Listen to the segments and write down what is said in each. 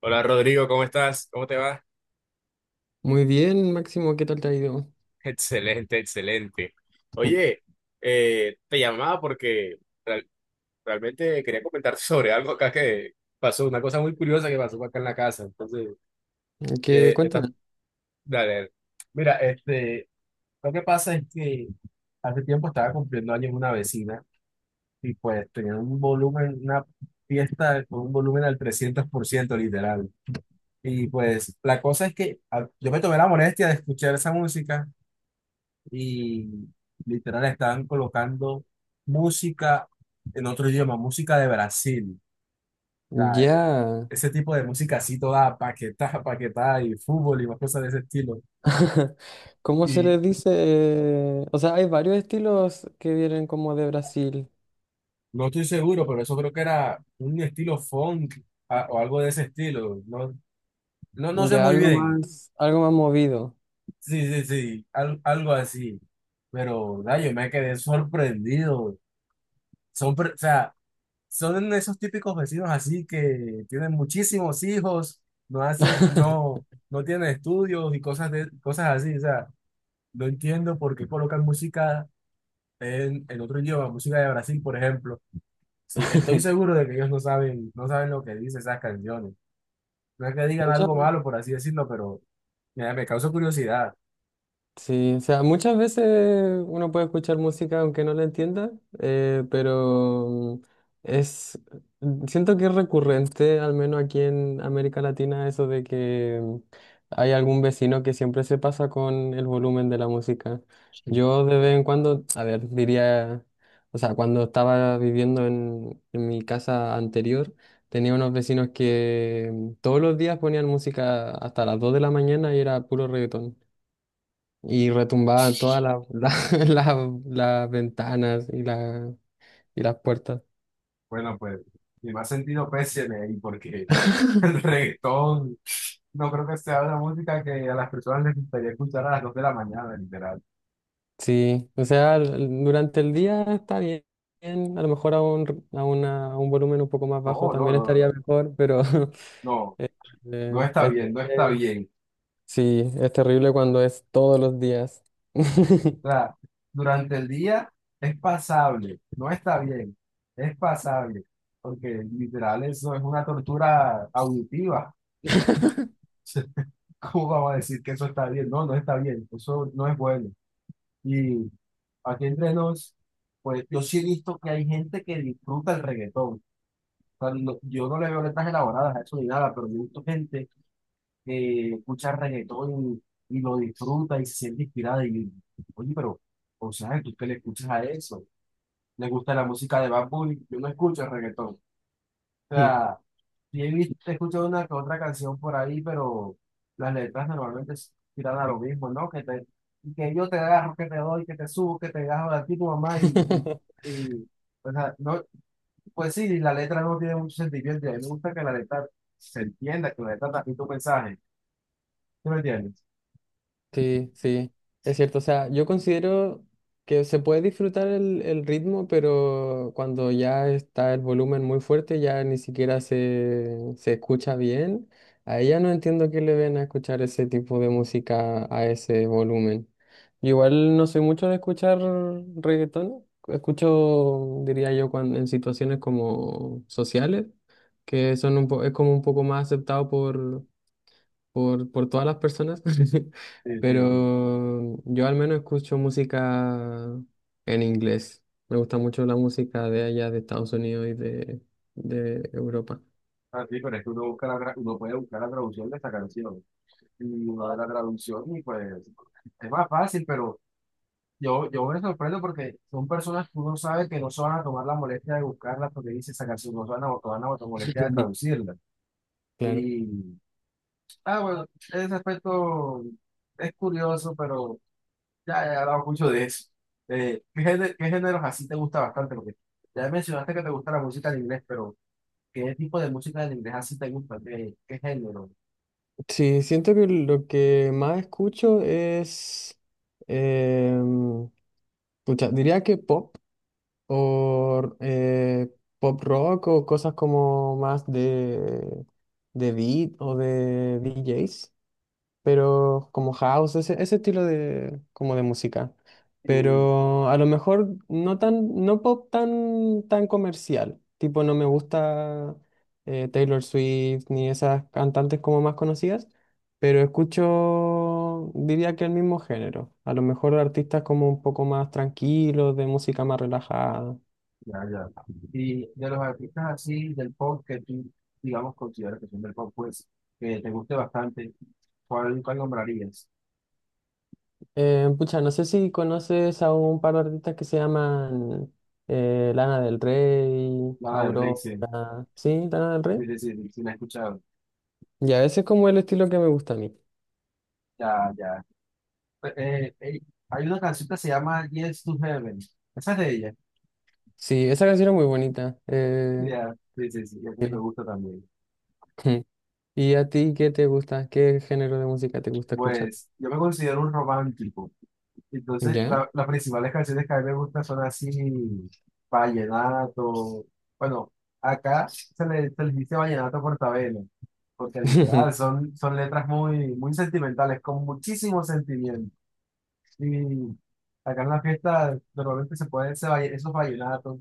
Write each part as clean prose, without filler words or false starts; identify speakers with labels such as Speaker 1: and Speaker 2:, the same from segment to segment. Speaker 1: Hola Rodrigo, ¿cómo estás? ¿Cómo te va?
Speaker 2: Muy bien, Máximo, ¿qué tal te ha ido?
Speaker 1: Excelente, excelente. Oye, te llamaba porque real- realmente quería comentarte sobre algo acá que pasó, una cosa muy curiosa que pasó acá en la casa. Entonces,
Speaker 2: ¿Qué,
Speaker 1: eh, estás-
Speaker 2: cuéntame?
Speaker 1: dale, dale. Mira, este, lo que pasa es que hace tiempo estaba cumpliendo años una vecina y pues tenía un volumen, una fiesta con un volumen al 300% literal. Y pues la cosa es que yo me tomé la molestia de escuchar esa música y literal estaban colocando música en otro idioma, música de Brasil. O sea,
Speaker 2: Ya.
Speaker 1: ese tipo de música así toda paquetada, paquetada y fútbol y más cosas de ese estilo.
Speaker 2: ¿Cómo se
Speaker 1: Y
Speaker 2: les dice? O sea, hay varios estilos que vienen como de Brasil.
Speaker 1: no estoy seguro, pero eso creo que era un estilo funk o algo de ese estilo. No, no, no sé
Speaker 2: Ya
Speaker 1: muy bien.
Speaker 2: algo más movido.
Speaker 1: Sí, sí, sí, algo así. Pero, da, yo me quedé sorprendido. O sea, son esos típicos vecinos así que tienen muchísimos hijos, no hace, no, no tienen estudios y cosas de, cosas así. O sea, no entiendo por qué colocan música en otro idioma, música de Brasil, por ejemplo. Sí, estoy seguro de que ellos no saben, no saben lo que dicen esas canciones. No es que digan
Speaker 2: Muchas.
Speaker 1: algo malo, por así decirlo, pero mira, me causa curiosidad.
Speaker 2: Sí, o sea, muchas veces uno puede escuchar música aunque no la entienda, pero es, siento que es recurrente, al menos aquí en América Latina, eso de que hay algún vecino que siempre se pasa con el volumen de la música. Yo de vez en cuando, a ver, diría, o sea, cuando estaba viviendo en mi casa anterior, tenía unos vecinos que todos los días ponían música hasta las 2 de la mañana y era puro reggaetón y retumbaban todas las ventanas y, la, y las puertas.
Speaker 1: Bueno, pues, mi más sentido péseme ahí, porque el reggaetón, no creo que sea una música que a las personas les gustaría escuchar a las 2 de la mañana, literal.
Speaker 2: Sí, o sea, durante el día está bien, a lo mejor a un volumen un poco más bajo
Speaker 1: No, no,
Speaker 2: también
Speaker 1: no, no,
Speaker 2: estaría
Speaker 1: no,
Speaker 2: mejor, pero
Speaker 1: no,
Speaker 2: eh,
Speaker 1: no
Speaker 2: eh,
Speaker 1: está
Speaker 2: es-
Speaker 1: bien, no está
Speaker 2: eh,
Speaker 1: bien.
Speaker 2: sí, es terrible cuando es todos los días.
Speaker 1: O sea, durante el día es pasable, no está bien, es pasable, porque literal eso es una tortura auditiva. ¿Cómo vamos a decir que eso está bien? No, no está bien, eso no es bueno. Y aquí entre nos, pues yo sí he visto que hay gente que disfruta el reggaetón. Sea, yo no le veo letras elaboradas a eso ni nada, pero yo he visto gente que escucha reggaetón y lo disfruta y se siente inspirada. Y yo, oye, pero, o sea, ¿tú qué le escuchas a eso? ¿Le gusta la música de Bad Bunny? Yo no escucho reggaetón. O sea, he escuchado una que otra canción por ahí, pero las letras normalmente tiran a lo mismo, ¿no? Que te, que yo te agarro, que te doy, que te subo, que te agarro de ti, tu mamá, y, o sea, no, pues sí, la letra no tiene mucho sentimiento. Y a mí me gusta que la letra se entienda, que la letra transmite un mensaje. ¿Sí me entiendes?
Speaker 2: Sí, sí, es cierto. O sea, yo considero que se puede disfrutar el ritmo, pero cuando ya está el volumen muy fuerte, ya ni siquiera se escucha bien. A ella no entiendo qué le ven a escuchar ese tipo de música a ese volumen. Yo igual no soy mucho de escuchar reggaetón. Escucho, diría yo, cuando, en situaciones como sociales, que son es como un poco más aceptado por por todas las personas,
Speaker 1: Sí, sí, sí.
Speaker 2: pero yo al menos escucho música en inglés. Me gusta mucho la música de allá, de Estados Unidos y de Europa.
Speaker 1: Ah, sí, pero es que uno, uno puede buscar la traducción de esta canción. Y uno da la traducción y pues es más fácil, pero yo me sorprendo porque son personas que uno sabe que no se van a tomar la molestia de buscarlas porque dice esa canción, no se van a tomar la molestia de traducirla.
Speaker 2: Claro.
Speaker 1: Y, ah, bueno, ese aspecto es curioso, pero... Ya he hablado mucho de eso. ¿Qué géneros así te gusta bastante? Porque ya mencionaste que te gusta la música en inglés, pero ¿qué tipo de música en inglés así te gusta? ¿Qué, qué género?
Speaker 2: Sí, siento que lo que más escucho es, em, pucha, diría que pop o pop rock o cosas como más de beat o de DJs, pero como house, ese estilo de, como de música.
Speaker 1: Y,
Speaker 2: Pero a lo mejor no tan, no pop tan, tan comercial. Tipo, no me gusta Taylor Swift ni esas cantantes como más conocidas, pero escucho, diría que el mismo género. A lo mejor artistas como un poco más tranquilos, de música más relajada.
Speaker 1: ya, ya. Y de los artistas así del pop que tú, digamos, consideras que son del pop, pues, que te guste bastante, ¿cuál, cuál nombrarías?
Speaker 2: Pucha, no sé si conoces a un par de artistas que se llaman Lana del Rey,
Speaker 1: Nada del Rey, sí.
Speaker 2: Aurora. ¿Sí? Lana del
Speaker 1: Sí,
Speaker 2: Rey.
Speaker 1: sí, sí, sí, la he escuchado.
Speaker 2: Ya, ese es como el estilo que me gusta a mí.
Speaker 1: Ya, ya. Pues, hay una canción que se llama Yes to Heaven. Esa es de ella.
Speaker 2: Sí, esa canción es muy bonita.
Speaker 1: Ya, sí, sí, sí, esa me
Speaker 2: Sí.
Speaker 1: gusta también.
Speaker 2: ¿Y a ti qué te gusta? ¿Qué género de música te gusta escuchar?
Speaker 1: Pues yo me considero un romántico. Entonces,
Speaker 2: ¿Ya?
Speaker 1: las principales canciones que a mí me gustan son así, vallenato. Bueno, acá se le dice vallenato portabelo, porque literal son, son letras muy, muy sentimentales, con muchísimo sentimiento. Y acá en la fiesta normalmente se pueden esos vallenatos.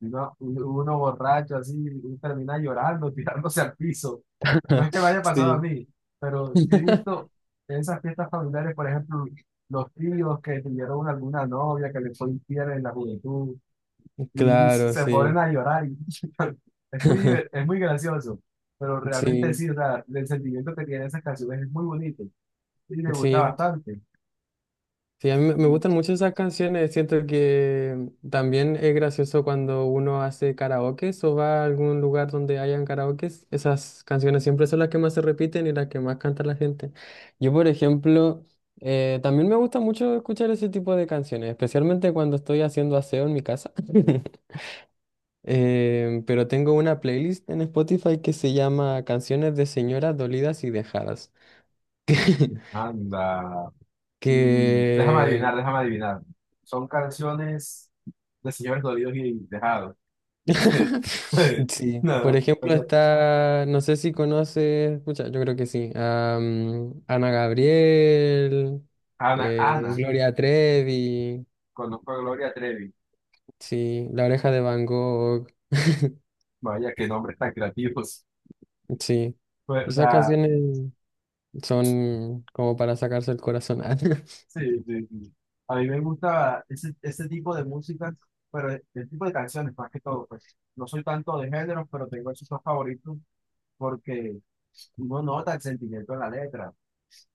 Speaker 1: Uno, uno borracho así y termina llorando, tirándose al piso. No es que me haya pasado a
Speaker 2: Sí.
Speaker 1: mí, pero sí he visto en esas fiestas familiares, por ejemplo, los tíos que tuvieron alguna novia que les fue infiel en la juventud y
Speaker 2: Claro,
Speaker 1: se ponen
Speaker 2: sí.
Speaker 1: a llorar. Y es muy gracioso, pero realmente
Speaker 2: Sí,
Speaker 1: sí, o sea, el sentimiento que tienen esas canciones es muy bonito y me gusta
Speaker 2: sí.
Speaker 1: bastante.
Speaker 2: Sí, a mí me me gustan mucho esas canciones. Siento que también es gracioso cuando uno hace karaokes o va a algún lugar donde hayan karaokes. Esas canciones siempre son las que más se repiten y las que más canta la gente. Yo, por ejemplo, también me gusta mucho escuchar ese tipo de canciones, especialmente cuando estoy haciendo aseo en mi casa. Pero tengo una playlist en Spotify que se llama Canciones de Señoras Dolidas y Dejadas.
Speaker 1: Anda, y déjame
Speaker 2: que
Speaker 1: adivinar, déjame adivinar. Son canciones. Los señores dolidos y dejados. Sí.
Speaker 2: Sí,
Speaker 1: No,
Speaker 2: por
Speaker 1: no, o
Speaker 2: ejemplo
Speaker 1: sea,
Speaker 2: está, no sé si conoces, pucha, yo creo que sí, a, mm, Ana Gabriel,
Speaker 1: Ana, Ana,
Speaker 2: Gloria Trevi,
Speaker 1: conozco a Gloria Trevi.
Speaker 2: sí, La Oreja de Van Gogh,
Speaker 1: Vaya, qué nombres tan creativos.
Speaker 2: sí,
Speaker 1: Pues, o
Speaker 2: esas
Speaker 1: sea,
Speaker 2: canciones son como para sacarse el corazón.
Speaker 1: sí, sí, sí. A mí me gusta ese, ese tipo de música, pero el tipo de canciones más que todo, pues. No soy tanto de géneros, pero tengo esos dos favoritos porque uno no nota el sentimiento en la letra.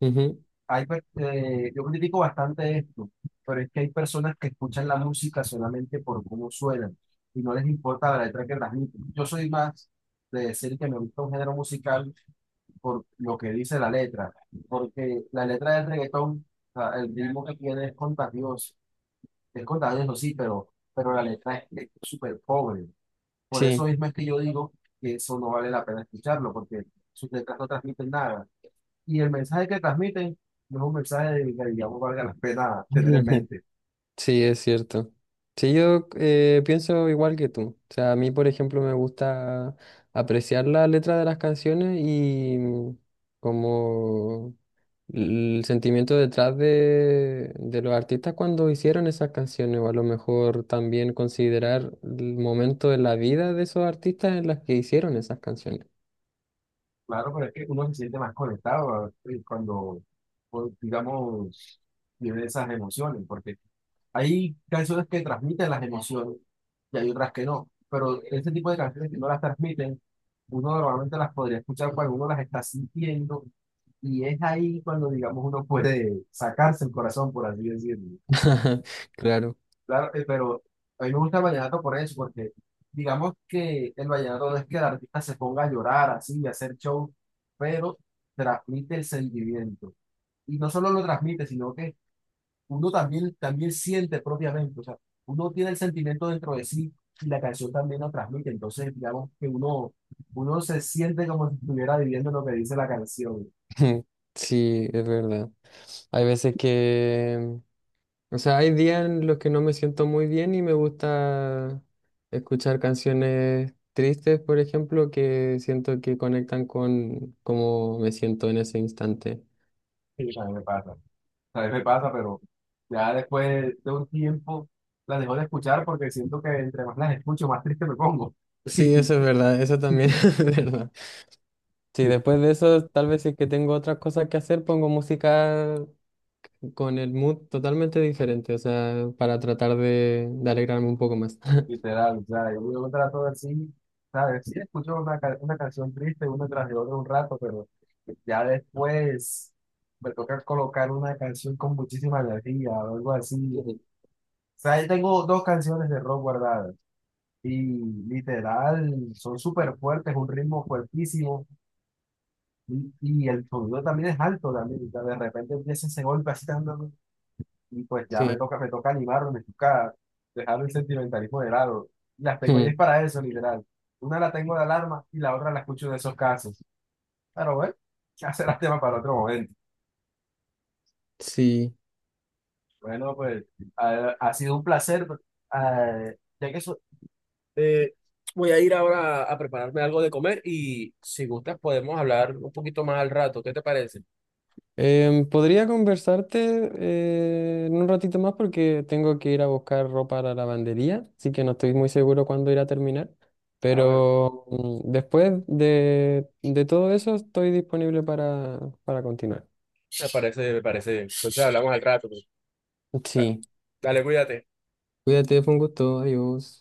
Speaker 2: Ujú.
Speaker 1: Yo critico bastante esto, pero es que hay personas que escuchan la música solamente por cómo suenan y no les importa la letra que transmiten. Yo soy más de decir que me gusta un género musical por lo que dice la letra, porque la letra del reggaetón, o sea, el ritmo que tiene es contagioso, sí, pero la letra es súper pobre. Por eso
Speaker 2: Sí.
Speaker 1: mismo es que yo digo que eso no vale la pena escucharlo, porque sus letras no transmiten nada. Y el mensaje que transmiten no es un mensaje que, digamos, valga la pena tener en mente.
Speaker 2: Sí, es cierto. Sí, yo pienso igual que tú. O sea, a mí, por ejemplo, me gusta apreciar la letra de las canciones y mm, como el sentimiento detrás de los artistas cuando hicieron esas canciones, o a lo mejor también considerar el momento de la vida de esos artistas en las que hicieron esas canciones.
Speaker 1: Claro, pero es que uno se siente más conectado cuando, pues, digamos, vive esas emociones, porque hay canciones que transmiten las emociones y hay otras que no. Pero este tipo de canciones que no las transmiten, uno normalmente las podría escuchar cuando uno las está sintiendo y es ahí cuando, digamos, uno puede sacarse el corazón, por así decirlo.
Speaker 2: Claro.
Speaker 1: Claro, pero a mí me gusta el vallenato por eso, porque digamos que el vallenato no es que el artista se ponga a llorar así y hacer show, pero transmite el sentimiento. Y no solo lo transmite, sino que uno también, también siente propiamente, o sea, uno tiene el sentimiento dentro de sí y la canción también lo transmite. Entonces, digamos que uno se siente como si estuviera viviendo lo que dice la canción.
Speaker 2: Sí, es verdad. Hay veces que o sea, hay días en los que no me siento muy bien y me gusta escuchar canciones tristes, por ejemplo, que siento que conectan con cómo me siento en ese instante.
Speaker 1: Sí, a mí me pasa. A veces me pasa, pero ya después de un tiempo las dejo de escuchar porque siento que entre más las escucho, más triste me pongo.
Speaker 2: Sí, eso es verdad, eso también es verdad. Sí, después de eso, tal vez si es que tengo otras cosas que hacer, pongo música con el mood totalmente diferente, o sea, para tratar de alegrarme un poco más.
Speaker 1: Literal, o sea, yo trato de sí ¿sabes? Sí, escucho una canción triste una tras de otra un rato, pero ya después me toca colocar una canción con muchísima energía o algo así.
Speaker 2: Ujú.
Speaker 1: O sea, yo tengo dos canciones de rock guardadas y literal, son súper fuertes, un ritmo fuertísimo. Y el sonido también es alto, también. O sea, de repente empieza ese golpe así tan, tan, y pues ya
Speaker 2: Sí,
Speaker 1: me toca animarlo, me toca dejar el sentimentalismo de lado. Las tengo y es para eso, literal. Una la tengo de alarma y la otra la escucho de esos casos. Pero bueno, ya será tema para otro momento.
Speaker 2: sí.
Speaker 1: Bueno, pues ha sido un placer. eh, ya que eso, Eh, Voy a ir ahora a prepararme algo de comer y si gustas podemos hablar un poquito más al rato. ¿Qué te parece?
Speaker 2: Em, podría conversarte en un ratito más porque tengo que ir a buscar ropa a la lavandería, así que no estoy muy seguro cuándo irá a terminar, pero mm, después de todo eso estoy disponible para continuar.
Speaker 1: Me parece bien. Entonces hablamos.
Speaker 2: Sí,
Speaker 1: Dale, cuídate.
Speaker 2: cuídate, fue un gusto, adiós.